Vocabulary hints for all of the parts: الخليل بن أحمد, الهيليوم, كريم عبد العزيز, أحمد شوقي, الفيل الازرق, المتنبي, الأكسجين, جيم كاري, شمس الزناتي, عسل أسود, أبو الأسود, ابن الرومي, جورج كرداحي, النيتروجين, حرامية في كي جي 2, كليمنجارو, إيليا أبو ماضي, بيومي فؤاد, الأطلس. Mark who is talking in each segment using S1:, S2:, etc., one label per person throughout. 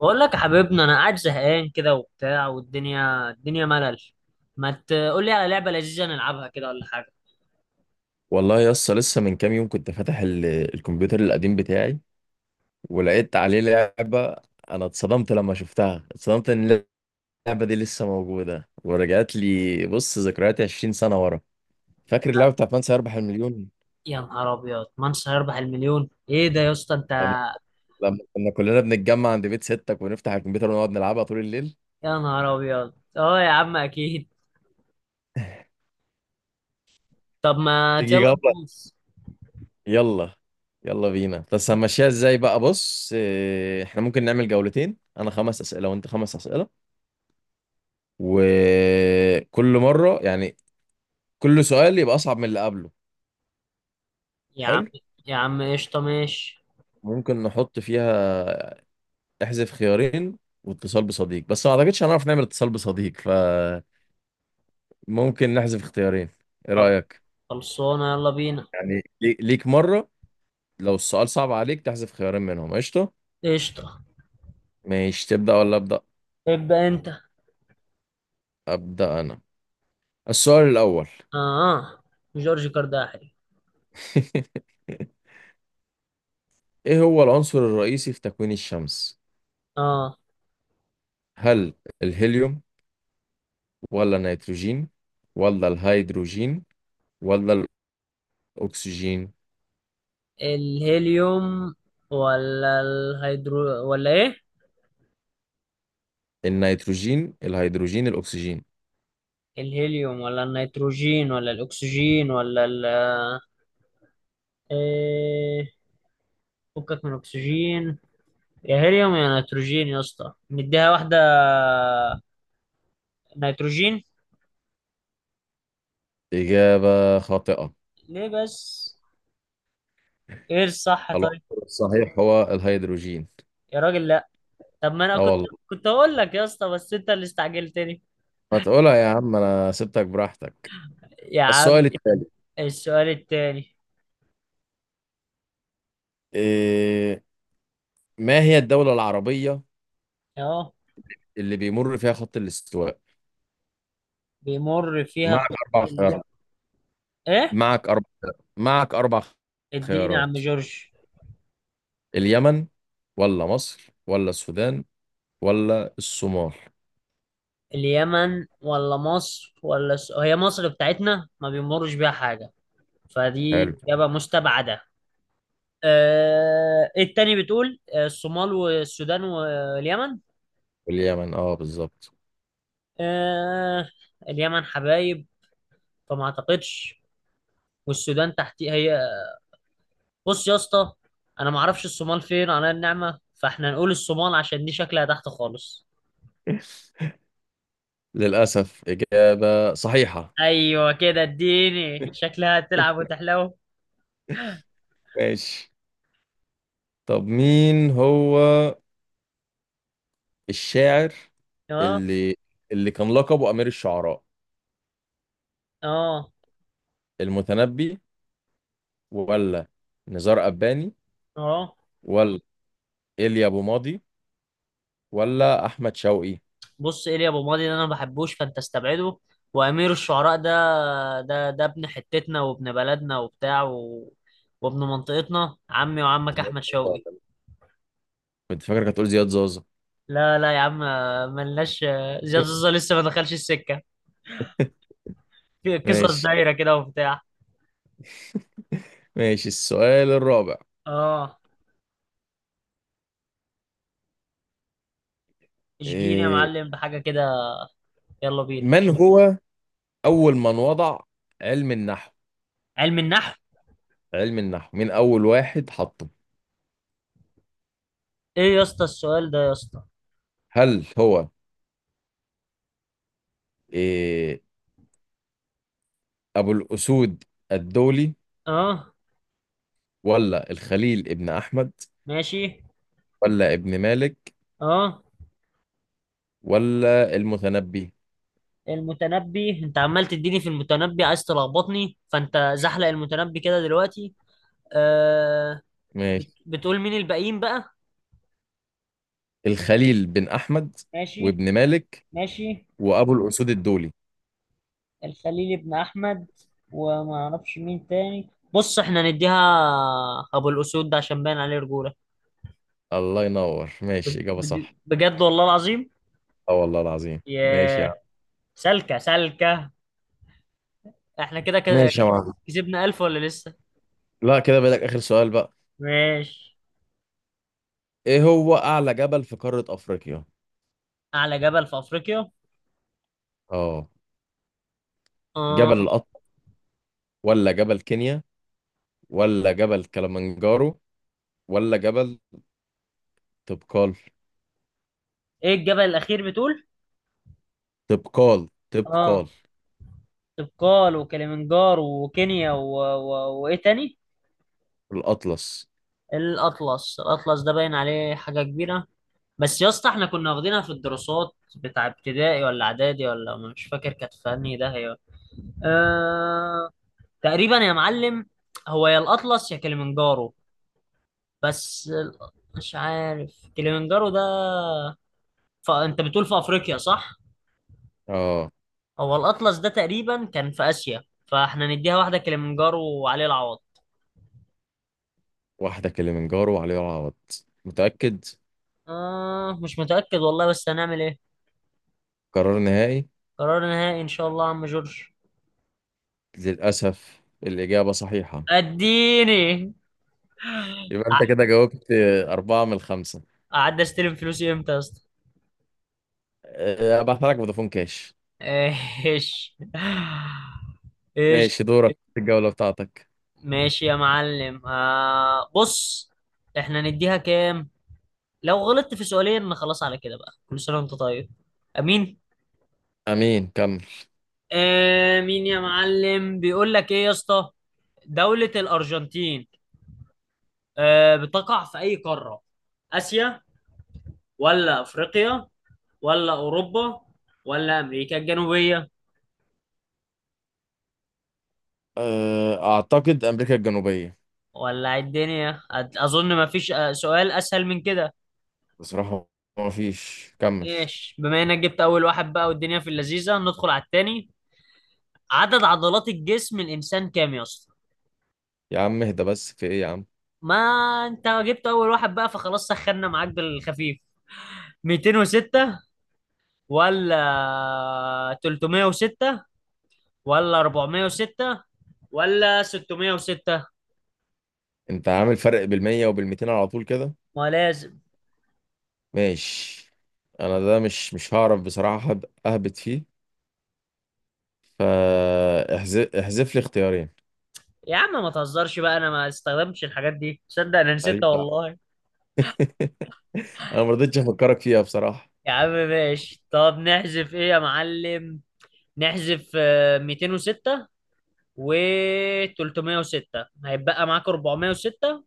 S1: بقول لك يا حبيبنا، انا قاعد زهقان كده وبتاع، والدنيا الدنيا ملل. ما تقول لي على لعبه لذيذه نلعبها كده ولا حاجه.
S2: والله يا اسطى، لسه من كام يوم كنت فاتح الكمبيوتر القديم بتاعي ولقيت عليه لعبة. انا اتصدمت لما شفتها، اتصدمت ان اللعبة دي لسه موجودة، ورجعت لي بص ذكرياتي 20 سنة ورا. فاكر اللعبة بتاعت من سيربح المليون؟
S1: يا نهار ابيض، مانس هيربح المليون؟ ايه ده يا اسطى انت.
S2: لما لما كنا كلنا بنتجمع عند بيت ستك ونفتح الكمبيوتر ونقعد نلعبها طول الليل.
S1: يا نهار ابيض، اه يا عم اكيد. طب ما
S2: تيجي
S1: يلا
S2: جولة؟
S1: ندوس.
S2: يلا. يلا بينا. بس هنمشيها ازاي بقى؟ بص إيه، احنا ممكن نعمل جولتين، انا خمس اسئله وانت خمس اسئله، وكل مره يعني كل سؤال يبقى أصعب من اللي قبله.
S1: يا عم،
S2: حلو.
S1: يا عم قشطه ماشي.
S2: ممكن نحط فيها احذف خيارين واتصال بصديق، بس ما أعتقدش هنعرف نعمل اتصال بصديق، فممكن نحذف اختيارين. إيه
S1: خل-
S2: رأيك؟
S1: خلصانه يلا بينا.
S2: يعني ليك مرة، لو السؤال صعب عليك تحذف خيارين منهم، قشطة؟
S1: قشطه.
S2: ماشي، تبدأ ولا أبدأ؟
S1: ابدا انت.
S2: أبدأ أنا. السؤال الأول.
S1: اه. جورج كرداحي.
S2: إيه هو العنصر الرئيسي في تكوين الشمس؟
S1: اه.
S2: هل الهيليوم، ولا النيتروجين، ولا الهيدروجين، ولا الأكسجين؟
S1: الهيليوم ولا الهيدرو ولا ايه.
S2: النيتروجين، الهيدروجين، الأكسجين.
S1: الهيليوم ولا النيتروجين ولا الأكسجين ولا ال... إيه. فكك من أكسجين، يا هيليوم يا نيتروجين. يا اسطى نديها واحدة. نيتروجين.
S2: إجابة خاطئة.
S1: ليه بس؟ ايه الصح طيب؟
S2: العنصر الصحيح هو الهيدروجين.
S1: يا راجل لا. طب ما انا
S2: اه
S1: كنت،
S2: والله.
S1: كنت هقول لك يا اسطى بس انت اللي استعجلتني.
S2: ما تقولها يا عم، أنا سبتك براحتك.
S1: يا عم.
S2: السؤال التالي.
S1: السؤال التاني.
S2: إيه. ما هي الدولة العربية
S1: اهو.
S2: اللي بيمر فيها خط الاستواء؟
S1: بيمر فيها
S2: معك
S1: خط
S2: أربع
S1: ال...
S2: خيارات.
S1: ايه.
S2: معك أربع. معك أربع
S1: اديني يا عم
S2: خيارات.
S1: جورج.
S2: اليمن، ولا مصر، ولا السودان، ولا الصومال.
S1: اليمن ولا مصر ولا هي مصر بتاعتنا ما بيمرش بيها حاجة،
S2: حلو.
S1: فدي إجابة مستبعدة. آه. إيه التاني بتقول؟ آه، الصومال والسودان واليمن.
S2: اليمن، اه بالظبط.
S1: آه. اليمن حبايب. فما اعتقدش. والسودان تحتي هي. بص يا اسطى، انا ما اعرفش الصومال فين على النعمة، فاحنا نقول الصومال عشان دي شكلها تحت خالص.
S2: للأسف إجابة صحيحة.
S1: ايوه كده اديني، شكلها هتلعب وتحلو.
S2: ماشي. طب مين هو الشاعر
S1: اه.
S2: اللي اللي كان لقبه أمير الشعراء؟
S1: اه.
S2: المتنبي، ولا نزار قباني،
S1: اه.
S2: ولا إيليا أبو ماضي، ولا أحمد شوقي؟
S1: بص، ايليا ابو ماضي ده انا ما بحبوش، فانت استبعده. وامير الشعراء ده، ابن حتتنا وابن بلدنا وبتاع وابن منطقتنا، عمي وعمك
S2: زياد
S1: احمد
S2: زازا
S1: شوقي.
S2: ولا مين؟ كنت فاكرك هتقول زياد زازا.
S1: لا لا يا عم، ملناش. زياد زوزة لسه ما دخلش السكه، في قصص
S2: ماشي
S1: دايره كده وبتاع.
S2: ماشي، السؤال الرابع.
S1: اه. اشجيني يا
S2: إيه.
S1: معلم بحاجه كده، يلا بينا.
S2: من هو أول من وضع علم النحو.
S1: علم النحو.
S2: علم النحو، مين أول واحد حطه؟
S1: ايه يا اسطى السؤال ده يا اسطى.
S2: هل هو إيه، أبو الأسود الدولي،
S1: اه.
S2: ولا الخليل ابن أحمد،
S1: ماشي.
S2: ولا ابن مالك،
S1: اه.
S2: ولا المتنبي؟
S1: المتنبي؟ انت عمال تديني في المتنبي، عايز تلخبطني. فانت زحلق المتنبي كده دلوقتي. آه.
S2: ماشي.
S1: بتقول مين الباقيين بقى؟
S2: الخليل بن أحمد،
S1: ماشي.
S2: وابن مالك،
S1: ماشي.
S2: وأبو الأسود الدولي.
S1: الخليل بن احمد، وما اعرفش مين تاني. بص احنا نديها ابو الاسود ده، عشان باين عليه رجوله.
S2: الله ينور. ماشي، إجابة صح.
S1: بجد والله العظيم.
S2: اه والله العظيم. ماشي يا عم.
S1: ياه، سلكه سلكه. احنا كده
S2: ماشي يا معلم.
S1: كسبنا 1000 ولا لسه؟
S2: لا كده بقى، آخر سؤال بقى.
S1: ماشي.
S2: إيه هو أعلى جبل في قارة أفريقيا؟
S1: اعلى جبل في افريقيا.
S2: اه. جبل
S1: اه.
S2: القطر، ولا جبل كينيا، ولا جبل كلمنجارو، ولا جبل تبقال.
S1: ايه الجبل الاخير بتقول؟
S2: تبقال،
S1: اه.
S2: تبقال.
S1: طبقال وكليمنجارو وكينيا وايه تاني؟
S2: الأطلس.
S1: الاطلس. الاطلس ده باين عليه حاجه كبيره. بس يا اسطى احنا كنا واخدينها في الدراسات بتاع ابتدائي ولا اعدادي، ولا مش فاكر كانت في انهي ده هي. أه... تقريبا يا معلم. هو يا الاطلس يا كليمنجارو. بس مش عارف كليمنجارو ده. فانت بتقول في افريقيا صح؟
S2: اه،
S1: هو الاطلس ده تقريبا كان في اسيا، فاحنا نديها واحده كليمنجارو وعليه العوض.
S2: واحدة كلمنجارو وعليها العوض. متأكد؟
S1: آه مش متاكد والله، بس هنعمل ايه.
S2: قرار نهائي.
S1: قرار نهائي ان شاء الله يا عم جورج.
S2: للأسف الإجابة صحيحة.
S1: اديني.
S2: يبقى
S1: ع-
S2: أنت كده جاوبت أربعة من الخمسة.
S1: قعدت استلم فلوسي امتى يا اسطى؟
S2: أه، أبعت لك فودافون كاش.
S1: ايش؟ ايش؟
S2: ماشي، دورك في الجولة بتاعتك.
S1: ماشي يا معلم. آه بص، احنا نديها كام؟ لو غلطت في سؤالين خلاص على كده بقى، كل سنه وانت طيب. امين.
S2: أمين، كمل.
S1: امين يا معلم. بيقول لك ايه يا اسطى؟ دولة الارجنتين، آه، بتقع في اي قارة؟ اسيا ولا افريقيا ولا اوروبا ولا امريكا الجنوبية؟
S2: أه، أعتقد أمريكا الجنوبية.
S1: ولع الدنيا. اظن ما فيش آه، سؤال اسهل من كده.
S2: بصراحة ما فيش، كمل.
S1: ماشي. بما انك جبت اول واحد بقى والدنيا في اللذيذه، ندخل على التاني. عدد عضلات الجسم الانسان كام يا اسطى؟
S2: يا عم اهدى بس، في إيه يا عم؟
S1: ما انت جبت اول واحد بقى، فخلاص سخنا معاك بالخفيف. 206 ولا 306 ولا 406 ولا 606؟
S2: أنت عامل فرق بالمية وبالميتين على طول كده.
S1: ما لازم.
S2: ماشي. أنا ده مش هعرف بصراحة، أهبط فيه، فاحذف لي اختيارين.
S1: يا عم ما تهزرش بقى، انا ما استخدمتش الحاجات دي. تصدق انا
S2: ماليش
S1: نسيتها
S2: دعوة.
S1: والله.
S2: أنا ما رضيتش أفكرك فيها بصراحة.
S1: يا عم ماشي، طب نحذف ايه يا معلم؟ نحذف آه، 206 و 306، هيتبقى معاك 406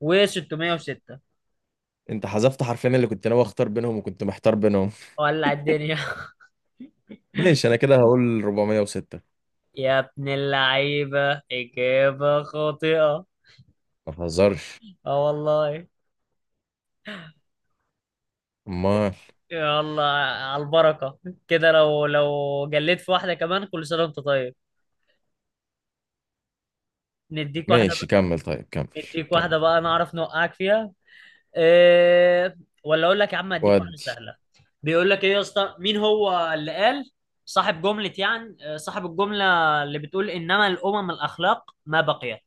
S1: و 606.
S2: انت حذفت حرفين اللي كنت ناوي اختار بينهم وكنت محتار بينهم.
S1: ولع الدنيا.
S2: ماشي، انا كده هقول 406.
S1: يا ابن اللعيبة، إجابة خاطئة.
S2: ما تهزرش.
S1: اه والله.
S2: امال.
S1: يلا على البركة. كده لو جليت في واحدة كمان، كل سنة وانت طيب. نديك واحدة
S2: ماشي
S1: بقى.
S2: كمل، طيب كمل
S1: نديك واحدة
S2: كمل
S1: بقى نعرف نوقعك فيها. إيه؟ ولا اقول لك يا عم اديك واحده
S2: ودي.
S1: سهله. بيقول لك ايه يا اسطى، مين هو اللي قال صاحب جمله، يعني آه، صاحب الجمله اللي بتقول انما الامم الاخلاق ما بقيت؟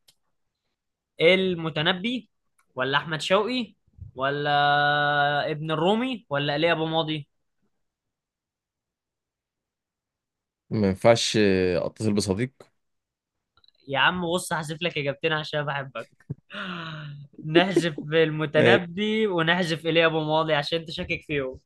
S1: المتنبي ولا احمد شوقي ولا ابن الرومي ولا ايليا ابو ماضي؟
S2: ما ينفعش اتصل بصديق.
S1: يا عم بص، هحذف لك اجابتين عشان بحبك. نحذف
S2: ماشي،
S1: المتنبي ونحذف ايليا ابو ماضي عشان انت شاكك فيهم.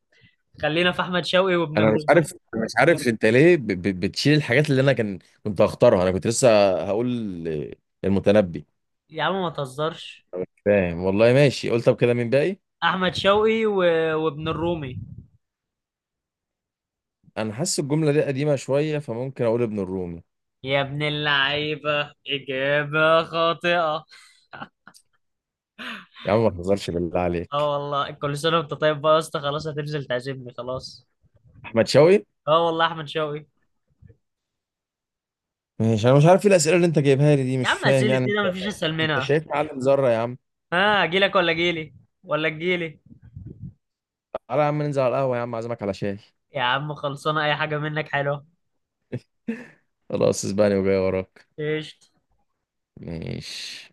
S1: خلينا في احمد شوقي وابن
S2: انا مش
S1: الرومي.
S2: عارف أنا مش عارف انت ليه بتشيل الحاجات اللي انا كان كنت هختارها، انا كنت لسه هقول المتنبي.
S1: يا عم ما تهزرش.
S2: فاهم، والله ماشي. قلت طب كده مين باقي؟
S1: احمد شوقي وابن الرومي.
S2: انا حاسس الجمله دي قديمه شويه، فممكن اقول ابن الرومي.
S1: يا ابن اللعيبه، اجابه خاطئه.
S2: يا عم ما تهزرش بالله
S1: اه
S2: عليك.
S1: والله، كل سنه وانت طيب بقى يا اسطى. خلاص هتنزل تعزمني خلاص.
S2: احمد شوقي.
S1: اه والله احمد شوقي.
S2: ماشي، انا مش عارف ايه الاسئله اللي انت جايبها لي دي،
S1: يا
S2: مش
S1: عم
S2: فاهم
S1: اسئله ايه
S2: يعني.
S1: ده، مفيش اسهل
S2: انت
S1: منها.
S2: شايف معلم ذرة يا عم؟
S1: ها، اجيلك ولا اجيلي؟
S2: تعالى يا عم، ننزل على القهوة، يا عم اعزمك على شاي.
S1: يا عم خلصانه، اي حاجه منك حلوه.
S2: خلاص اسباني وجاي وراك.
S1: ايش
S2: ماشي.